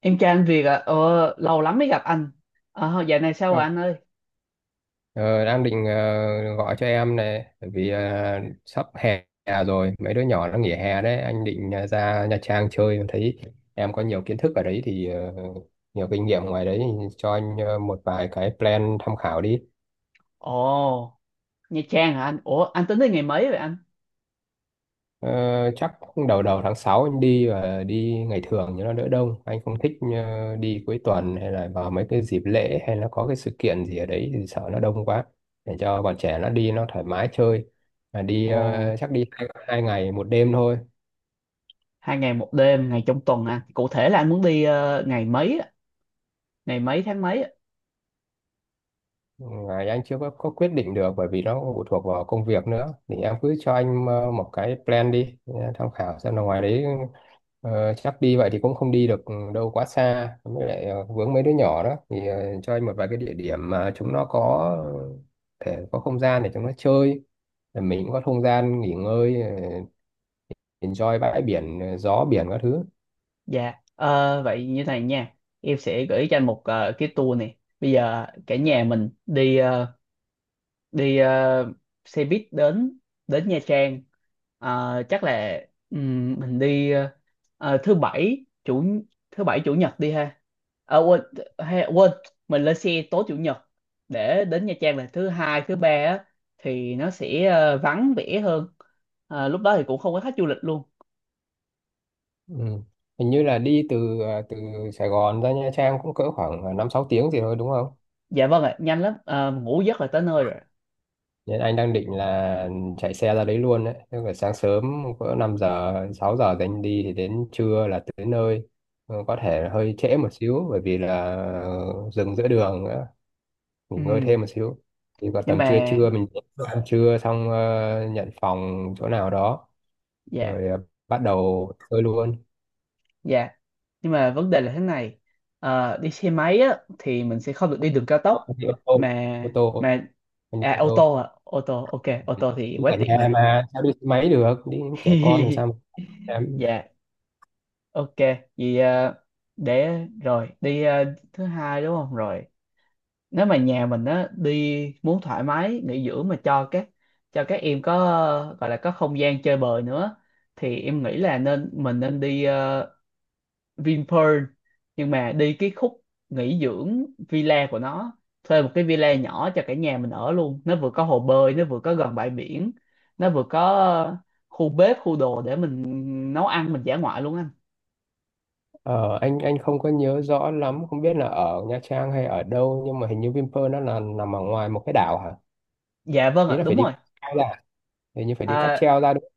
Em trai anh Việt à? Ờ, lâu lắm mới gặp anh. Ờ, dạo này sao rồi Ừ. anh ơi? Ờ, đang định gọi cho em này bởi vì sắp hè rồi mấy đứa nhỏ nó nghỉ hè đấy, anh định ra Nha Trang chơi. Thấy em có nhiều kiến thức ở đấy thì nhiều kinh nghiệm ngoài đấy, thì cho anh một vài cái plan tham khảo đi. Ồ, Nha Trang hả anh? Ủa, anh tính đi ngày mấy vậy anh? Ờ, chắc đầu đầu tháng 6 anh đi, và đi ngày thường cho nó đỡ đông. Anh không thích đi cuối tuần hay là vào mấy cái dịp lễ hay là có cái sự kiện gì ở đấy thì sợ nó đông quá. Để cho bọn trẻ nó đi nó thoải mái chơi. Mà đi Ồ, chắc đi hai ngày một đêm thôi. 2 ngày 1 đêm, ngày trong tuần anh. Cụ thể là anh muốn đi ngày mấy, á? Ngày mấy tháng mấy, á? Ngày anh chưa có quyết định được bởi vì nó cũng phụ thuộc vào công việc nữa, thì em cứ cho anh một cái plan đi tham khảo, xem là ngoài đấy chắc đi vậy thì cũng không đi được đâu quá xa, với lại vướng mấy đứa nhỏ đó thì cho anh một vài cái địa điểm mà chúng nó có thể có không gian để chúng nó chơi, rồi mình cũng có không gian nghỉ ngơi, enjoy bãi biển, gió biển các thứ. Dạ. Ờ, vậy như này nha. Em sẽ gửi cho anh một cái tour này. Bây giờ cả nhà mình đi xe buýt đến đến Nha Trang. Ờ, chắc là mình đi ờ, thứ bảy chủ thứ bảy chủ nhật đi ha. Ờ, quên hay, quên mình lên xe tối chủ nhật để đến Nha Trang là thứ hai thứ ba á, thì nó sẽ vắng vẻ hơn. Ờ, lúc đó thì cũng không có khách du lịch luôn. Ừ, hình như là đi từ từ Sài Gòn ra Nha Trang cũng cỡ khoảng năm sáu tiếng gì thôi, đúng không? Dạ vâng ạ, nhanh lắm. Ờ, ngủ giấc là tới nơi rồi. Nên anh đang định là chạy xe ra đấy luôn đấy. Tức là sáng sớm cỡ 5 giờ, 6 giờ thì anh đi, thì đến trưa là tới nơi. Ừ, có thể hơi trễ một xíu bởi vì là dừng giữa đường nữa, nghỉ ngơi Ừm, thêm một xíu. Thì vào nhưng tầm trưa mà, trưa mình ăn trưa xong nhận phòng chỗ nào đó dạ, rồi bắt đầu chơi luôn. dạ, nhưng mà vấn đề là thế này. Đi xe máy á thì mình sẽ không được đi đường cao Không, tốc, không đi ô tô, mà không đi ô tô. À ô tô ok, ô tô thì Chứ quá ở tiện nhà rồi. mà sao đi xe máy được, đi những trẻ con làm sao mà. Dạ, ok. Vì để rồi đi thứ hai đúng không, rồi nếu mà nhà mình á đi muốn thoải mái nghỉ dưỡng mà cho các em có, gọi là có không gian chơi bời nữa, thì em nghĩ là mình nên đi Vinpearl, nhưng mà đi cái khúc nghỉ dưỡng villa của nó, thuê một cái villa nhỏ cho cả nhà mình ở luôn. Nó vừa có hồ bơi, nó vừa có gần bãi biển, nó vừa có khu bếp, khu đồ để mình nấu ăn, mình dã ngoại luôn anh. Ờ, anh không có nhớ rõ lắm, không biết là ở Nha Trang hay ở đâu, nhưng mà hình như Vinpearl nó là nằm ở ngoài một cái đảo hả? Dạ vâng Ý ạ, là đúng phải đi rồi. cáp treo ra, hình như phải đi cáp À, treo ra đúng không?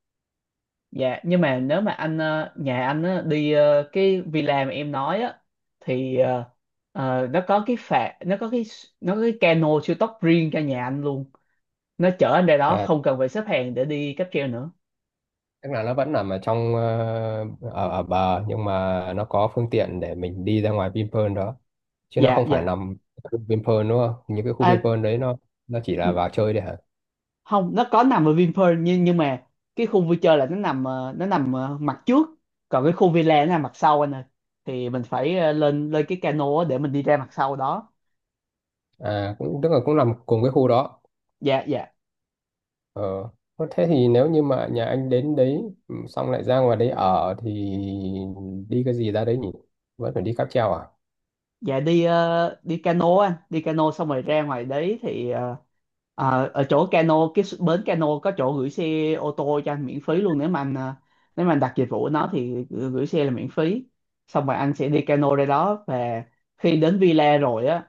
dạ, nhưng mà nếu mà nhà anh á, đi cái villa mà em nói á, thì nó có cái phà, nó có cái cano siêu tốc riêng cho nhà anh luôn, nó chở anh ra đó À, không cần phải xếp hàng để đi cáp treo nữa. tức là nó vẫn nằm ở trong ở ở bờ, nhưng mà nó có phương tiện để mình đi ra ngoài Vinpearl đó. Chứ nó Dạ, không phải dạ. nằm ở khu Vinpearl đúng không? Những cái khu À, Vinpearl đấy nó chỉ là vào chơi đấy hả? không, nó có nằm ở Vinpearl nhưng mà cái khu vui chơi là nó nằm mặt trước, còn cái khu villa nó nằm mặt sau anh ơi, thì mình phải lên lên cái cano á để mình đi ra mặt sau đó. À cũng tức là cũng nằm cùng cái khu đó. Dạ, dạ. Ờ. Thế thì nếu như mà nhà anh đến đấy, xong lại ra ngoài đấy ở thì đi cái gì ra đấy nhỉ? Vẫn phải đi cáp treo à? Dạ, đi cano anh, đi cano xong rồi ra ngoài đấy thì ở chỗ cano, bến cano có chỗ gửi xe ô tô cho anh miễn phí luôn. Nếu mà anh đặt dịch vụ của nó thì gửi gửi xe là miễn phí. Xong rồi anh sẽ đi cano ra đó, và khi đến villa rồi á,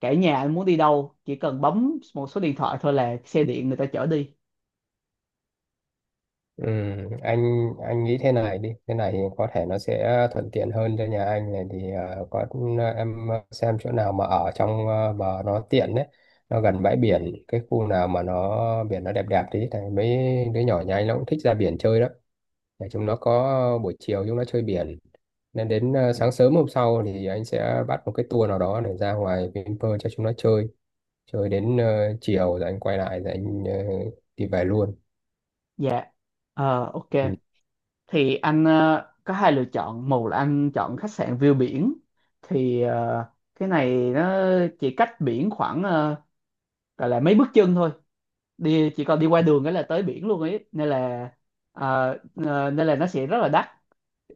cả nhà anh muốn đi đâu chỉ cần bấm một số điện thoại thôi là xe điện người ta chở đi. Ừ, anh nghĩ thế này đi, thế này thì có thể nó sẽ thuận tiện hơn cho nhà anh này, thì có, em xem chỗ nào mà ở trong bờ nó tiện đấy, nó gần bãi biển, cái khu nào mà nó biển nó đẹp đẹp tí thì mấy đứa nhỏ nhà anh nó cũng thích ra biển chơi đó. Để chúng nó có buổi chiều chúng nó chơi biển, nên đến sáng sớm hôm sau thì anh sẽ bắt một cái tour nào đó để ra ngoài Vinpearl cho chúng nó chơi chơi đến chiều, rồi anh quay lại rồi anh đi về luôn. Dạ. Ờ, ok. Ừ. Thì anh có hai lựa chọn. Một là anh chọn khách sạn view biển, thì cái này nó chỉ cách biển khoảng gọi là mấy bước chân thôi, đi chỉ còn đi qua đường cái là tới biển luôn ấy, ờ, nên là nó sẽ rất là đắt,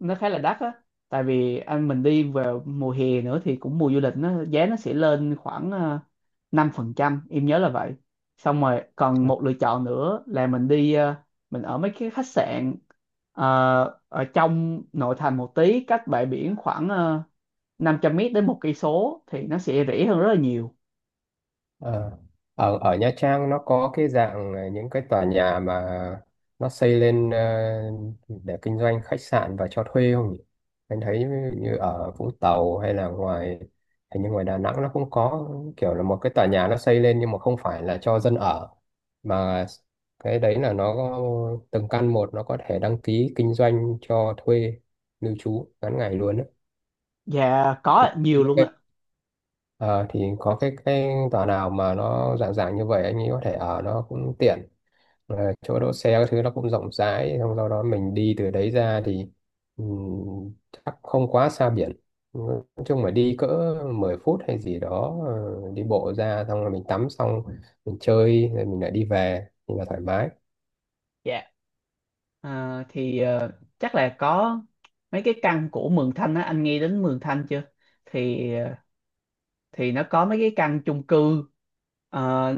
nó khá là đắt á. Tại vì anh mình đi vào mùa hè nữa thì cũng mùa du lịch, nó giá nó sẽ lên khoảng 5%, em nhớ là vậy. Xong rồi còn một lựa chọn nữa là mình ở mấy cái khách sạn ở trong nội thành một tí, cách bãi biển khoảng 500 mét đến 1 cây số, thì nó sẽ rẻ hơn rất là nhiều. Ờ. Ở ở Nha Trang nó có cái dạng là những cái tòa nhà mà nó xây lên để kinh doanh khách sạn và cho thuê không nhỉ? Anh thấy như ở Vũng Tàu hay là ngoài, hình như ngoài Đà Nẵng nó cũng có kiểu là một cái tòa nhà nó xây lên nhưng mà không phải là cho dân ở, mà cái đấy là nó từng căn một nó có thể đăng ký kinh doanh cho thuê lưu trú ngắn ngày luôn á. Dạ có Thì ạ, nhiều luôn ạ. Có cái tòa nào mà nó dạng dạng như vậy anh nghĩ có thể ở nó cũng tiện. Ờ, chỗ đỗ xe các thứ nó cũng rộng rãi, xong sau đó mình đi từ đấy ra thì chắc không quá xa biển. Ừ, nói chung mà đi cỡ 10 phút hay gì đó đi bộ ra, xong rồi mình tắm xong mình chơi rồi mình lại đi về thì là thoải mái. Dạ. À, thì chắc là có mấy cái căn của Mường Thanh á, anh nghe đến Mường Thanh chưa? Thì thì nó có mấy cái căn chung cư ờ,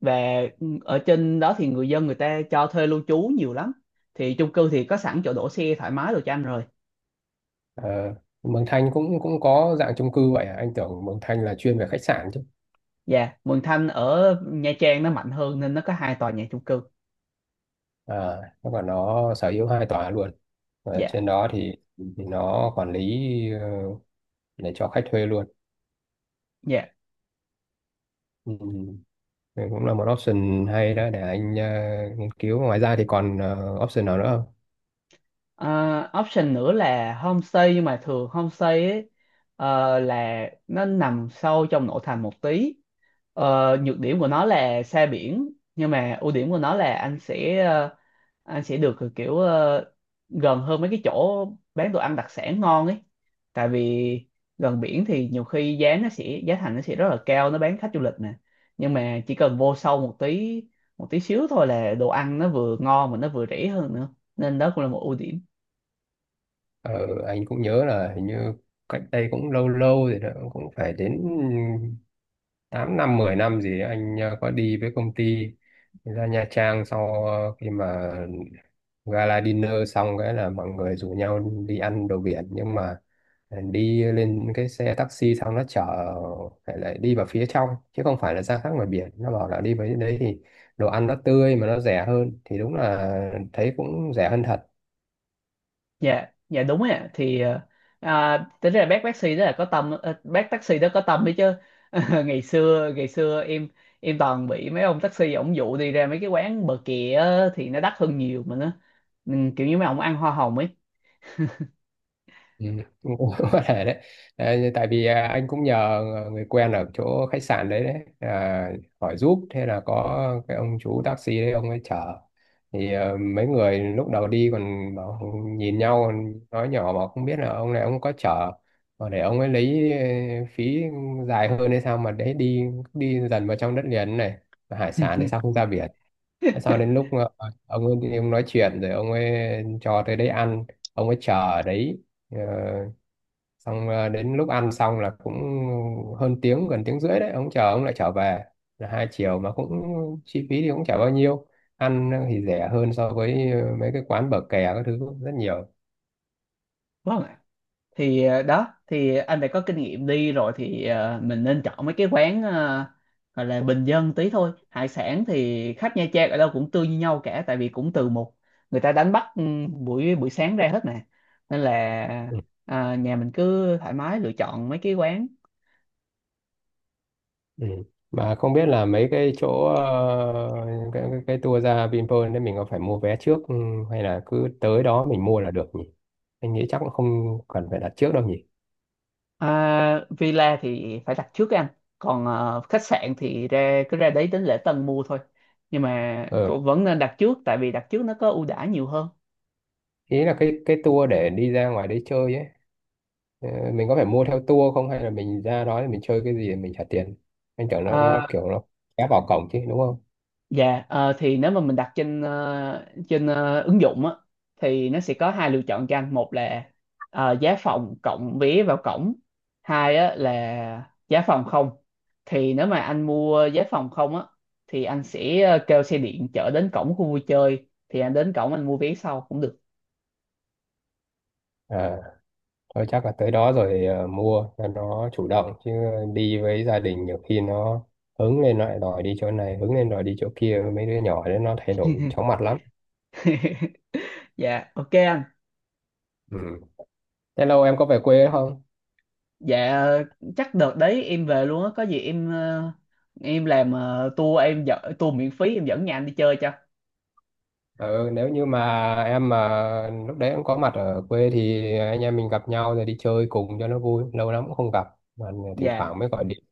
về ở trên đó thì người dân người ta cho thuê lưu trú nhiều lắm. Thì chung cư thì có sẵn chỗ đỗ xe thoải mái đồ cho anh rồi. Ờ, Mường Thanh cũng cũng có dạng chung cư vậy à? Anh tưởng Mường Thanh là chuyên về khách sạn chứ. Dạ, Mường Thanh ở Nha Trang nó mạnh hơn nên nó có hai tòa nhà chung cư. À, nó còn nó sở hữu hai tòa luôn, và Dạ, trên đó thì nó quản lý ờ, để cho khách thuê luôn. dạ. Ừ. Thì cũng là một option hay đó để anh nghiên cứu, ngoài ra thì còn option nào nữa không? Ờ, option nữa là homestay, nhưng mà thường homestay ấy là nó nằm sâu trong nội thành một tí. Ờ, nhược điểm của nó là xa biển, nhưng mà ưu điểm của nó là anh sẽ được kiểu gần hơn mấy cái chỗ bán đồ ăn đặc sản ngon ấy. Tại vì gần biển thì nhiều khi giá, nó sẽ giá thành nó sẽ rất là cao, nó bán khách du lịch nè, nhưng mà chỉ cần vô sâu một tí, một tí xíu thôi là đồ ăn nó vừa ngon mà nó vừa rẻ hơn nữa, nên đó cũng là một ưu điểm. Ờ, anh cũng nhớ là hình như cách đây cũng lâu lâu rồi đó, cũng phải đến 8 năm 10 năm gì ấy, anh có đi với công ty ra Nha Trang, sau khi mà gala dinner xong cái là mọi người rủ nhau đi ăn đồ biển, nhưng mà đi lên cái xe taxi xong nó chở lại lại đi vào phía trong chứ không phải là ra khác ngoài biển. Nó bảo là đi với đấy thì đồ ăn nó tươi mà nó rẻ hơn, thì đúng là thấy cũng rẻ hơn thật. Dạ, dạ đúng ạ. Thì à, tính ra bác taxi đó là có tâm, bác taxi đó có tâm đấy chứ. Ngày xưa em toàn bị mấy ông taxi ổng dụ đi ra mấy cái quán bờ kè á, thì nó đắt hơn nhiều mà nó, kiểu như mấy ông ăn hoa hồng ấy. Ừ, cũng cũng có thể đấy. Đấy, tại vì à, anh cũng nhờ người quen ở chỗ khách sạn đấy đấy à, hỏi giúp, thế là có cái ông chú taxi đấy ông ấy chở. Thì à, mấy người lúc đầu đi còn bảo, nhìn nhau nói nhỏ mà không biết là ông này ông có chở mà để ông ấy lấy phí dài hơn hay sao, mà đấy đi đi dần vào trong đất liền này. Mà hải sản thì sao không ra biển. Sau đến lúc ông ấy ông nói chuyện rồi ông ấy cho tới đấy ăn, ông ấy chờ ở đấy. Ờ, xong đến lúc ăn xong là cũng hơn tiếng gần tiếng rưỡi đấy, ông chờ ông lại trở về là hai chiều, mà cũng chi phí thì cũng chả bao nhiêu. Ăn thì rẻ hơn so với mấy cái quán bờ kè các thứ rất nhiều. Vâng ạ. Thì đó thì anh phải có kinh nghiệm đi rồi, thì mình nên chọn mấy cái quán gọi là bình dân tí thôi. Hải sản thì khách Nha Trang ở đâu cũng tươi như nhau cả, tại vì cũng từ một người ta đánh bắt buổi buổi sáng ra hết mà, nên là, Ừ. à, nhà mình cứ thoải mái lựa chọn mấy cái quán. Ừ, mà không biết là mấy cái chỗ cái tour ra Vinpearl đấy mình có phải mua vé trước, hay là cứ tới đó mình mua là được nhỉ? Anh nghĩ chắc cũng không cần phải đặt trước đâu nhỉ. À, villa thì phải đặt trước anh, còn khách sạn thì cứ ra đấy đến lễ tân mua thôi, nhưng mà Ừ. cũng vẫn nên đặt trước tại vì đặt trước nó có ưu đãi nhiều hơn. Ý là cái tour để đi ra ngoài đấy chơi ấy. Ờ, mình có phải mua theo tour không hay là mình ra đó thì mình chơi cái gì thì mình trả tiền? Anh tưởng nó Ờ. kiểu nó ép vào cổng chứ đúng không? Dạ, thì nếu mà mình đặt trên ứng dụng á, thì nó sẽ có hai lựa chọn cho anh. Một là giá phòng cộng vé vào cổng. Hai á, là giá phòng không. Thì nếu mà anh mua giá phòng không á, thì anh sẽ kêu xe điện chở đến cổng khu vui chơi. Thì anh đến cổng anh mua vé sau cũng được. À thôi chắc là tới đó rồi mua cho nó chủ động chứ, đi với gia đình nhiều khi nó hứng lên nó lại đòi đi chỗ này, hứng lên đòi đi chỗ kia, mấy đứa nhỏ đấy nó thay đổi chóng mặt lắm. Dạ, ok anh. Ừ. Thế lâu em có về quê không? Dạ, chắc đợt đấy em về luôn á. Có gì em ờ, em làm ờ, tour em dẫn tour miễn phí, em dẫn nhà anh đi chơi cho. Ừ, nếu như mà em mà lúc đấy em có mặt ở quê thì anh em mình gặp nhau rồi đi chơi cùng cho nó vui, lâu lắm cũng không gặp mà, thỉnh Dạ. thoảng mới gọi điện.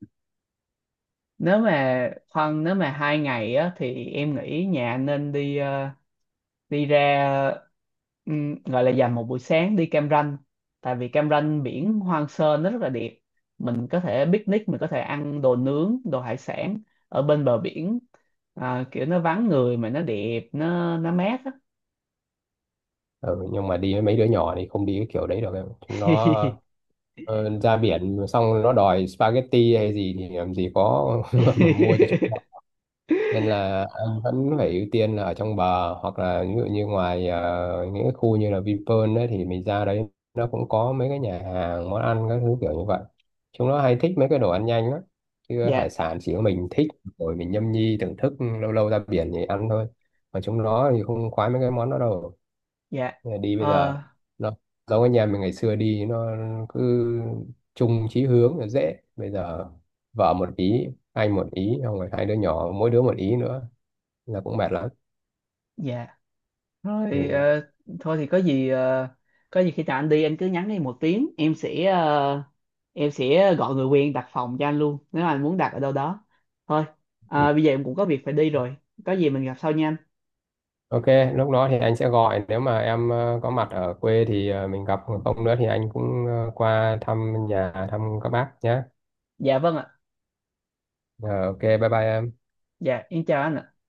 nếu mà Khoan nếu mà 2 ngày á, thì em nghĩ nhà nên đi, ờ, đi ra, gọi là dành một buổi sáng đi Cam Ranh, tại vì Cam Ranh biển hoang sơ nó rất là đẹp, mình có thể picnic, mình có thể ăn đồ nướng, đồ hải sản ở bên bờ biển. À, kiểu nó vắng người mà nó đẹp, nó mát á. Ừ, nhưng mà đi với mấy đứa nhỏ thì không đi cái kiểu đấy được em, chúng nó ra biển xong nó đòi spaghetti hay gì thì làm gì có mà mua cho chúng nó. Nên là anh vẫn phải ưu tiên là ở trong bờ, hoặc là ví dụ như ngoài những cái khu như là Vinpearl đấy thì mình ra đấy, nó cũng có mấy cái nhà hàng món ăn các thứ kiểu như vậy. Chúng nó hay thích mấy cái đồ ăn nhanh lắm, chứ hải Dạ, sản chỉ có mình thích rồi mình nhâm nhi thưởng thức, lâu lâu ra biển thì ăn thôi, mà chúng nó thì không khoái mấy cái món đó đâu. dạ. Bây giờ đi bây giờ Ờ, nó giống cái nhà mình ngày xưa đi nó cứ chung chí hướng là dễ, bây giờ vợ một ý, anh một ý, xong rồi hai đứa nhỏ mỗi đứa một ý nữa là cũng mệt lắm. dạ, thôi thì, Ừ. ờ, thôi thì có gì khi nào anh đi anh cứ nhắn đi 1 tiếng, em sẽ gọi người quen đặt phòng cho anh luôn, nếu mà anh muốn đặt ở đâu đó. Thôi, Ừ, à, bây giờ em cũng có việc phải đi rồi, có gì mình gặp sau nha anh. ok, lúc đó thì anh sẽ gọi, nếu mà em có mặt ở quê thì mình gặp, còn không nữa thì anh cũng qua thăm nhà thăm các bác nhé. Dạ vâng ạ. Ờ, ok, bye bye em. Dạ, em chào anh ạ.